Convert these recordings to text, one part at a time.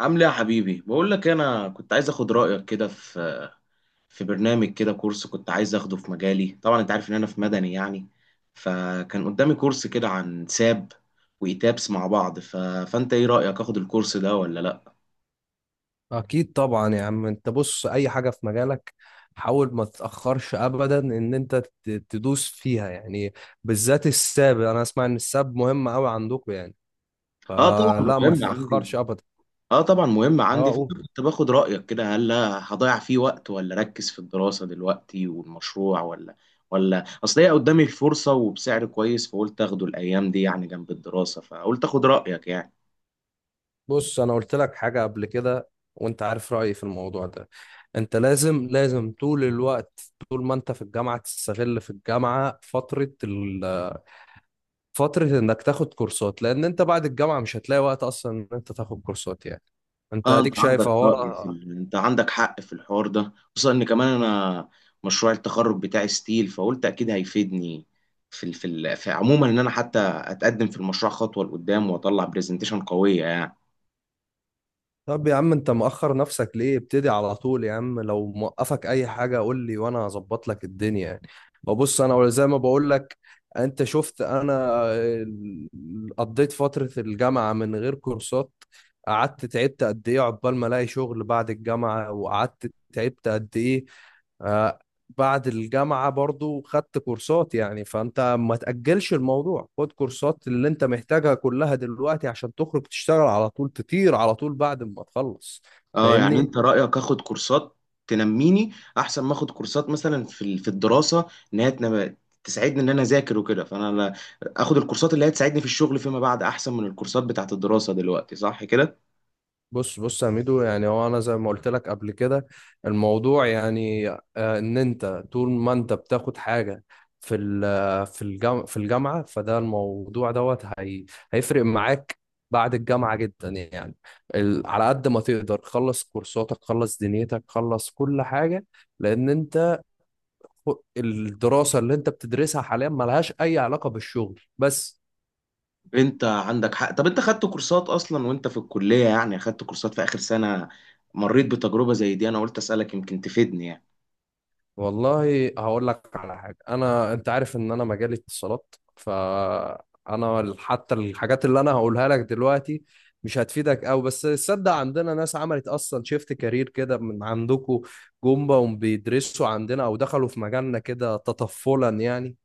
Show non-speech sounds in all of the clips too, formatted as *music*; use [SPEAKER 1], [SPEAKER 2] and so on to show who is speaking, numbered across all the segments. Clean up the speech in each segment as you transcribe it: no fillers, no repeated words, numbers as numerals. [SPEAKER 1] عامل ايه يا حبيبي؟ بقول لك إيه، انا كنت عايز اخد رايك كده في برنامج كده، كورس كنت عايز اخده في مجالي. طبعا انت عارف ان انا في مدني يعني. فكان قدامي كورس كده عن ساب وايتابس مع بعض، فانت ايه رايك؟ اخد الكورس ده ولا لا؟
[SPEAKER 2] اكيد طبعا يا عم. انت بص، اي حاجه في مجالك حاول ما تتاخرش ابدا ان انت تدوس فيها يعني. بالذات الساب، انا اسمع ان الساب مهم قوي عندكم يعني،
[SPEAKER 1] اه طبعا
[SPEAKER 2] فلا ما
[SPEAKER 1] مهم عندي.
[SPEAKER 2] تتاخرش ابدا.
[SPEAKER 1] اه طبعا مهم
[SPEAKER 2] اه
[SPEAKER 1] عندي،
[SPEAKER 2] قول.
[SPEAKER 1] فأنا كنت باخد رايك كده، هل هضيع فيه وقت ولا اركز في الدراسه دلوقتي والمشروع؟ ولا اصل هي قدامي الفرصه وبسعر كويس، فقلت اخده الايام دي يعني جنب الدراسه، فقلت اخد رايك يعني.
[SPEAKER 2] بص، انا قلت لك حاجه قبل كده وانت عارف رايي في الموضوع ده. انت لازم طول الوقت، طول ما انت في الجامعه تستغل في الجامعه فترة انك تاخد كورسات، لان انت بعد الجامعة مش هتلاقي وقت اصلا ان انت تاخد كورسات يعني. انت
[SPEAKER 1] اه
[SPEAKER 2] اديك
[SPEAKER 1] انت عندك
[SPEAKER 2] شايف اهو
[SPEAKER 1] رأي في
[SPEAKER 2] انا.
[SPEAKER 1] انت عندك حق في الحوار ده، خصوصا ان كمان انا مشروع التخرج بتاعي ستيل، فقلت اكيد هيفيدني في في عموما، ان انا حتى اتقدم في المشروع خطوة لقدام واطلع برزنتيشن قوية يعني.
[SPEAKER 2] طب يا عم انت مأخر نفسك ليه؟ ابتدي على طول يا عم، لو موقفك اي حاجة قول لي وانا هظبط لك الدنيا يعني. ببص، انا زي ما بقول لك، انت شفت انا قضيت فترة الجامعة من غير كورسات، قعدت تعبت قد ايه عقبال ما الاقي شغل بعد الجامعة، وقعدت تعبت قد ايه. آه، بعد الجامعة برضو خدت كورسات يعني، فأنت ما تأجلش الموضوع، خد كورسات اللي أنت محتاجها كلها دلوقتي عشان تخرج تشتغل على طول، تطير على طول بعد ما تخلص.
[SPEAKER 1] اه يعني
[SPEAKER 2] فاهمني؟
[SPEAKER 1] انت رأيك اخد كورسات تنميني احسن ما اخد كورسات مثلا في في الدراسة، ان هي تساعدني ان انا اذاكر وكده، فانا اخد الكورسات اللي هي تساعدني في الشغل فيما بعد احسن من الكورسات بتاعت الدراسة دلوقتي، صح كده؟
[SPEAKER 2] بص يا ميدو، يعني هو انا زي ما قلت لك قبل كده الموضوع يعني ان انت طول ما انت بتاخد حاجه في الجامعه فده الموضوع دوت، هي هيفرق معاك بعد الجامعه جدا يعني. على قد ما تقدر خلص كورساتك، خلص دنيتك، خلص كل حاجه، لان انت الدراسه اللي انت بتدرسها حاليا ملهاش اي علاقه بالشغل بس.
[SPEAKER 1] انت عندك حق. طب انت خدت كورسات اصلا وانت في الكلية يعني؟ خدت كورسات في اخر سنة، مريت بتجربة زي دي؟ انا قلت اسألك يمكن تفيدني يعني.
[SPEAKER 2] والله هقول لك على حاجة. أنا، أنت عارف إن أنا مجالي اتصالات، فأنا حتى الحاجات اللي أنا هقولها لك دلوقتي مش هتفيدك أوي، بس تصدق عندنا ناس عملت أصلا شيفت كارير كده من عندكم، جم بقوا بيدرسوا عندنا أو دخلوا في مجالنا كده تطفلا يعني.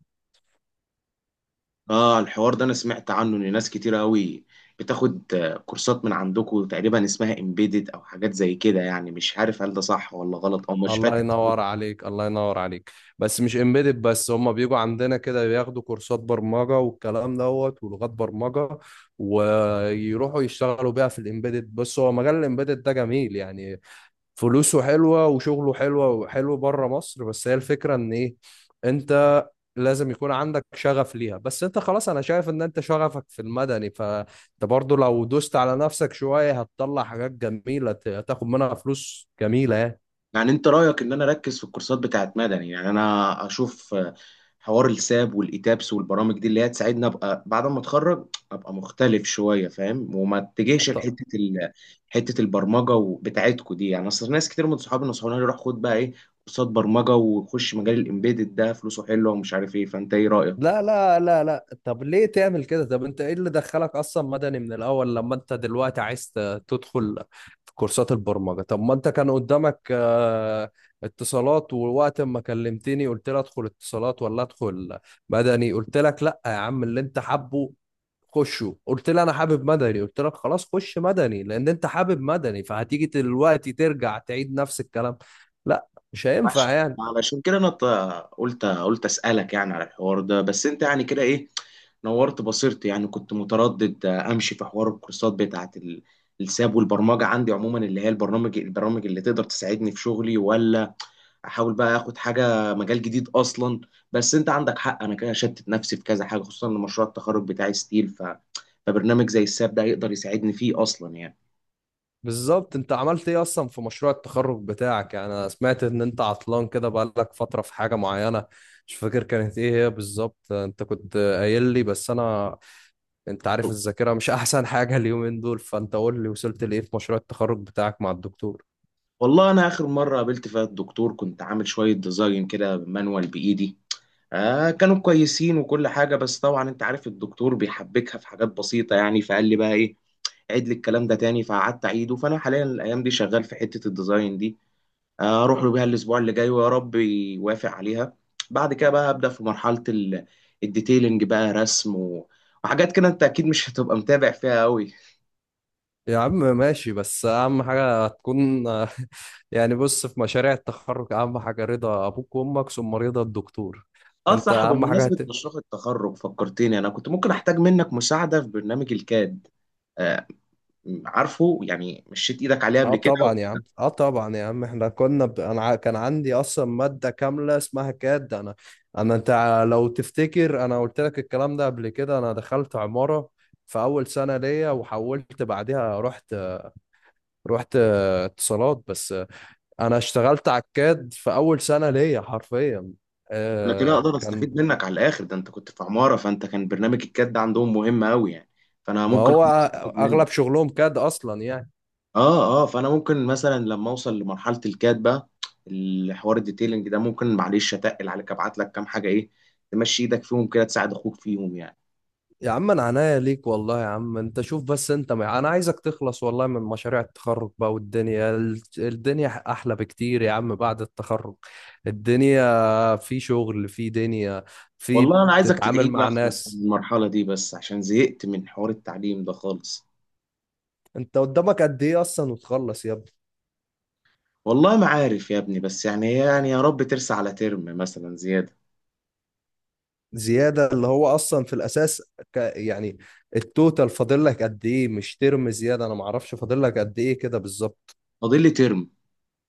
[SPEAKER 1] اه الحوار ده انا سمعت عنه ان ناس كتير قوي بتاخد كورسات من عندكم، تقريبا اسمها امبيدد او حاجات زي كده يعني. مش عارف هل ده صح ولا غلط او مش
[SPEAKER 2] الله
[SPEAKER 1] فاكر.
[SPEAKER 2] ينور عليك الله ينور عليك بس مش امبيدد بس، هم بيجوا عندنا كده بياخدوا كورسات برمجة والكلام دوت، ولغات برمجة ويروحوا يشتغلوا بيها في الامبيدد. بس هو مجال الامبيدد ده جميل يعني، فلوسه حلوة وشغله حلوة وحلو بره مصر. بس هي الفكرة ان ايه، انت لازم يكون عندك شغف ليها. بس انت خلاص، انا شايف ان انت شغفك في المدني، فانت برضو لو دوست على نفسك شوية هتطلع حاجات جميلة، هتاخد منها فلوس جميلة
[SPEAKER 1] يعني انت رايك ان انا اركز في الكورسات بتاعت مدني؟ يعني انا اشوف حوار الساب والايتابس والبرامج دي اللي هي تساعدني ابقى بعد ما اتخرج، ابقى مختلف شويه، فاهم؟ وما اتجهش
[SPEAKER 2] يعني.
[SPEAKER 1] لحته حته البرمجه بتاعتكو دي يعني. اصل ناس كتير من صحابي نصحوني روح خد بقى ايه، كورسات برمجه وخش مجال الامبيدد ده، فلوسه حلوه ومش عارف ايه، فانت ايه رايك؟
[SPEAKER 2] لا، طب ليه تعمل كده؟ طب انت ايه اللي دخلك اصلا مدني من الاول، لما انت دلوقتي عايز تدخل في كورسات البرمجة؟ طب ما انت كان قدامك اتصالات، ووقت ما كلمتني قلت لي ادخل اتصالات ولا ادخل مدني؟ قلت لك لا يا عم اللي انت حابه خشه، قلت لي انا حابب مدني، قلت لك خلاص خش مدني لان انت حابب مدني. فهتيجي دلوقتي ترجع تعيد نفس الكلام؟ لا، مش هينفع يعني.
[SPEAKER 1] علشان كده انا قلت اسالك يعني على الحوار ده، بس انت يعني كده ايه، نورت بصيرتي يعني. كنت متردد امشي في حوار الكورسات بتاعت الساب والبرمجه عندي عموما اللي هي البرامج اللي تقدر تساعدني في شغلي، ولا احاول بقى اخد حاجه مجال جديد اصلا. بس انت عندك حق، انا كده شتت نفسي في كذا حاجه، خصوصا ان مشروع التخرج بتاعي ستيل، فبرنامج زي الساب ده هيقدر يساعدني فيه اصلا يعني.
[SPEAKER 2] بالظبط، انت عملت ايه اصلا في مشروع التخرج بتاعك يعني؟ انا سمعت ان انت عطلان كده بقالك فترة في حاجة معينة، مش فاكر كانت ايه هي بالظبط، انت كنت قايل لي بس انا، انت عارف الذاكرة مش *laughs* احسن حاجة اليومين دول. فانت قول لي، وصلت لايه في مشروع التخرج بتاعك مع الدكتور؟
[SPEAKER 1] والله انا اخر مره قابلت فيها الدكتور كنت عامل شويه ديزاين كده مانوال بايدي، آه كانوا كويسين وكل حاجة. بس طبعا انت عارف الدكتور بيحبكها في حاجات بسيطة يعني، فقال لي بقى ايه، عيد لي الكلام ده تاني، فقعدت اعيده. فانا حاليا الايام دي شغال في حتة الديزاين دي، اروح له بيها الاسبوع اللي جاي ويا رب يوافق عليها. بعد كده بقى ابدا في مرحلة الديتيلنج بقى، رسم وحاجات كده انت اكيد مش هتبقى متابع فيها قوي.
[SPEAKER 2] يا عم ماشي، بس اهم حاجة تكون *laughs* يعني. بص، في مشاريع التخرج اهم حاجة رضا ابوك وامك، ثم رضا الدكتور.
[SPEAKER 1] اه
[SPEAKER 2] انت
[SPEAKER 1] صح،
[SPEAKER 2] اهم حاجة.
[SPEAKER 1] بمناسبة مشروع التخرج فكرتني، انا كنت ممكن احتاج منك مساعدة في برنامج الكاد. آه عارفه يعني، مشيت ايدك عليه
[SPEAKER 2] اه
[SPEAKER 1] قبل كده.
[SPEAKER 2] طبعا يا عم، اه طبعا يا عم، احنا كنا انا كان عندي اصلا ماده كامله اسمها كاد. انا انت لو تفتكر انا قلت لك الكلام ده قبل كده، انا دخلت عماره في اول سنه ليا وحولت بعدها، رحت اتصالات. بس انا اشتغلت على الكاد في اول سنه ليا حرفيا.
[SPEAKER 1] انا كده
[SPEAKER 2] آه
[SPEAKER 1] اقدر
[SPEAKER 2] كان،
[SPEAKER 1] استفيد منك على الاخر، ده انت كنت في عمارة، فانت كان برنامج الكاد ده عندهم مهم قوي يعني، فانا
[SPEAKER 2] ما
[SPEAKER 1] ممكن
[SPEAKER 2] هو
[SPEAKER 1] أقدر استفيد منك.
[SPEAKER 2] اغلب شغلهم كاد اصلا يعني.
[SPEAKER 1] اه اه، فانا ممكن مثلا لما اوصل لمرحلة الكاد بقى، الحوار الديتيلنج ده، ممكن معلش اتقل عليك، ابعت لك كام حاجة ايه، تمشي ايدك فيهم كده، تساعد اخوك فيهم يعني.
[SPEAKER 2] يا عم انا عناية ليك والله. يا عم انت شوف بس، انت ما... انا عايزك تخلص والله من مشاريع التخرج بقى، والدنيا الدنيا احلى بكتير يا عم بعد التخرج. الدنيا في شغل، في دنيا، في
[SPEAKER 1] والله انا عايزك تدعي
[SPEAKER 2] بتتعامل
[SPEAKER 1] لي
[SPEAKER 2] مع
[SPEAKER 1] اخلص من
[SPEAKER 2] ناس.
[SPEAKER 1] المرحلة دي بس، عشان زهقت من حوار التعليم ده خالص.
[SPEAKER 2] انت قدامك قد ايه اصلا؟ وتخلص يا ابني.
[SPEAKER 1] والله ما عارف يا ابني، بس يعني يعني يا رب ترسى على ترم مثلا زيادة.
[SPEAKER 2] زيادة، اللي هو اصلا في الاساس يعني التوتال فاضل لك قد ايه؟ مش ترم زيادة، انا ما اعرفش فاضل لك قد ايه كده بالظبط.
[SPEAKER 1] فاضل لي ترم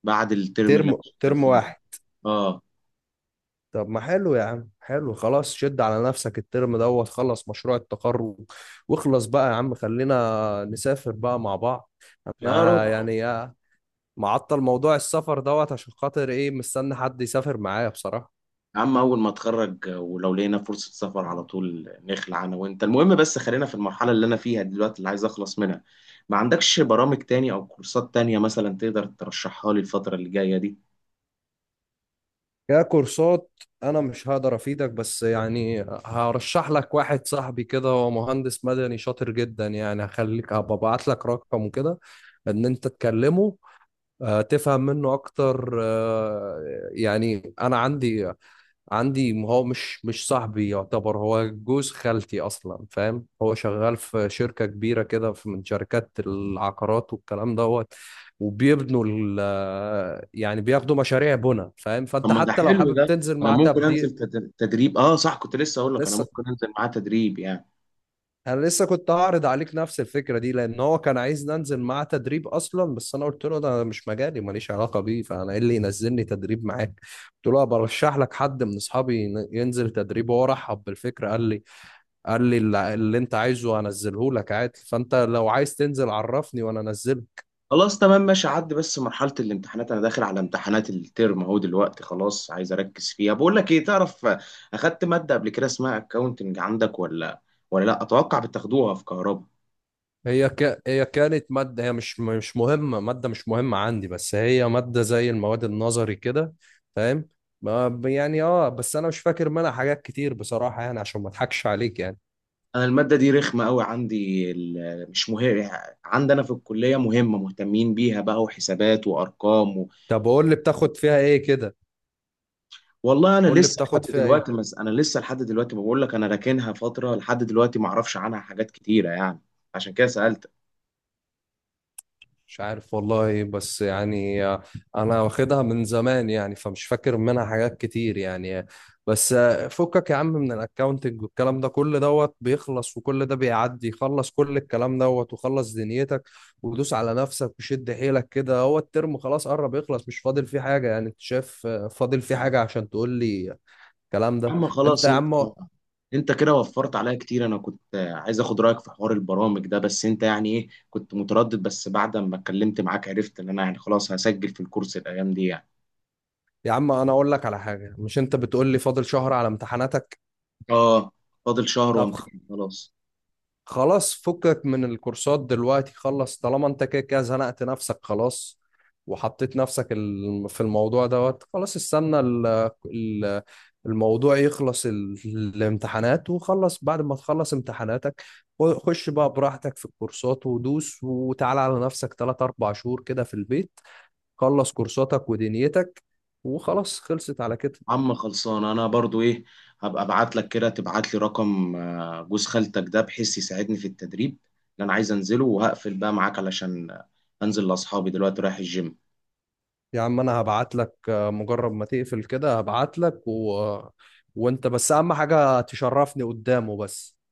[SPEAKER 1] بعد الترم
[SPEAKER 2] ترم
[SPEAKER 1] اللي انا شغال
[SPEAKER 2] ترم
[SPEAKER 1] فيه ده.
[SPEAKER 2] واحد؟
[SPEAKER 1] اه،
[SPEAKER 2] طب ما حلو يا عم، حلو، خلاص شد على نفسك الترم دوت، خلص مشروع التخرج واخلص بقى يا عم، خلينا نسافر بقى مع بعض.
[SPEAKER 1] يا رب
[SPEAKER 2] انا
[SPEAKER 1] اه.
[SPEAKER 2] يعني معطل موضوع السفر دوت عشان خاطر ايه، مستني حد يسافر معايا بصراحة.
[SPEAKER 1] يا عم اول ما اتخرج ولو لقينا فرصة سفر على طول نخلع انا وانت، المهم بس خلينا في المرحلة اللي انا فيها دلوقتي اللي عايز اخلص منها. ما عندكش برامج تاني او كورسات تانية مثلا تقدر ترشحها لي الفترة اللي جاية دي؟
[SPEAKER 2] ككورسات انا مش هقدر افيدك، بس يعني هرشح لك واحد صاحبي كده، هو مهندس مدني شاطر جدا يعني، هخليك، هبقى ابعت لك رقمه كده ان انت تكلمه تفهم منه اكتر. يعني انا عندي هو مش صاحبي يعتبر، هو جوز خالتي اصلا، فاهم؟ هو شغال في شركة كبيرة كده في، من شركات العقارات والكلام دوت، وبيبنوا يعني بياخدوا مشاريع بنا، فاهم؟
[SPEAKER 1] طب
[SPEAKER 2] فانت
[SPEAKER 1] ما ده
[SPEAKER 2] حتى لو
[SPEAKER 1] حلو،
[SPEAKER 2] حابب
[SPEAKER 1] ده
[SPEAKER 2] تنزل
[SPEAKER 1] انا
[SPEAKER 2] معاه
[SPEAKER 1] ممكن انزل
[SPEAKER 2] تبديل.
[SPEAKER 1] تدريب. اه صح، كنت لسه اقول لك انا
[SPEAKER 2] لسه،
[SPEAKER 1] ممكن انزل معاه تدريب يعني.
[SPEAKER 2] انا لسه كنت هعرض عليك نفس الفكرة دي، لان هو كان عايز ننزل معاه تدريب اصلا، بس انا قلت له ده مش مجالي ماليش علاقة بيه، فانا ايه اللي ينزلني تدريب معاك؟ قلت له برشح لك حد من اصحابي ينزل تدريب، وهو رحب بالفكرة. قال لي اللي انت عايزه هنزله لك عادي، فانت لو عايز تنزل عرفني وانا انزله.
[SPEAKER 1] خلاص تمام ماشي، عدي. بس مرحلة الامتحانات انا داخل على امتحانات الترم اهو دلوقتي، خلاص عايز اركز فيها. بقول لك ايه، تعرف، اخدت مادة قبل كده اسمها اكاونتنج عندك ولا؟ ولا لا، اتوقع بتاخدوها في كهرباء.
[SPEAKER 2] هي هي كانت ماده، هي مش مهمه، ماده مش مهمه عندي، بس هي ماده زي المواد النظري كده، فاهم؟ يعني اه، بس انا مش فاكر منها حاجات كتير بصراحه يعني، عشان ما اضحكش عليك يعني.
[SPEAKER 1] انا المادة دي رخمة قوي عندي، مش مهم عندنا في الكلية، مهمة، مهتمين بيها بقى، وحسابات وارقام
[SPEAKER 2] طب قول لي بتاخد فيها ايه كده؟
[SPEAKER 1] والله انا
[SPEAKER 2] قول لي
[SPEAKER 1] لسه لحد
[SPEAKER 2] بتاخد فيها ايه؟
[SPEAKER 1] دلوقتي مس... انا لسه لحد دلوقتي بقول لك، انا راكنها فترة لحد دلوقتي ما اعرفش عنها حاجات كتيرة يعني، عشان كده سألت.
[SPEAKER 2] مش عارف والله، بس يعني انا واخدها من زمان يعني، فمش فاكر منها حاجات كتير يعني. بس فكك يا عم من الاكاونتنج والكلام ده، كل دوت بيخلص وكل ده بيعدي، خلص كل الكلام دوت وخلص دنيتك، ودوس على نفسك وشد حيلك كده، هو الترم خلاص قرب يخلص، مش فاضل فيه حاجة يعني، انت شايف فاضل فيه حاجة عشان تقول لي الكلام
[SPEAKER 1] يا
[SPEAKER 2] ده؟
[SPEAKER 1] عم
[SPEAKER 2] انت
[SPEAKER 1] خلاص،
[SPEAKER 2] يا
[SPEAKER 1] انت
[SPEAKER 2] عم،
[SPEAKER 1] انت كده وفرت عليا كتير. انا كنت عايز اخد رايك في حوار البرامج ده بس، انت يعني ايه، كنت متردد، بس بعد ما اتكلمت معاك عرفت ان انا يعني خلاص هسجل في الكورس الايام دي يعني.
[SPEAKER 2] يا عم انا اقول لك على حاجة، مش انت بتقول لي فاضل شهر على امتحاناتك؟
[SPEAKER 1] اه، فاضل شهر
[SPEAKER 2] طب
[SPEAKER 1] وامتحن خلاص.
[SPEAKER 2] خلاص، فكك من الكورسات دلوقتي، خلص طالما انت كده كده زنقت نفسك خلاص، وحطيت نفسك في الموضوع دوت. خلاص استنى الموضوع يخلص، الامتحانات، وخلص بعد ما تخلص امتحاناتك خش بقى براحتك في الكورسات، ودوس وتعال على نفسك 3 4 شهور كده في البيت، خلص كورساتك ودنيتك، وخلاص خلصت على كده.
[SPEAKER 1] عم خلصان انا برضو ايه، هبقى ابعت لك كده تبعت لي رقم جوز خالتك ده، بحيث يساعدني في التدريب اللي انا عايز انزله. وهقفل بقى معاك علشان انزل لاصحابي دلوقتي رايح الجيم.
[SPEAKER 2] يا عم انا هبعت لك مجرد ما تقفل كده هبعت لك وانت بس اهم حاجة تشرفني قدامه بس.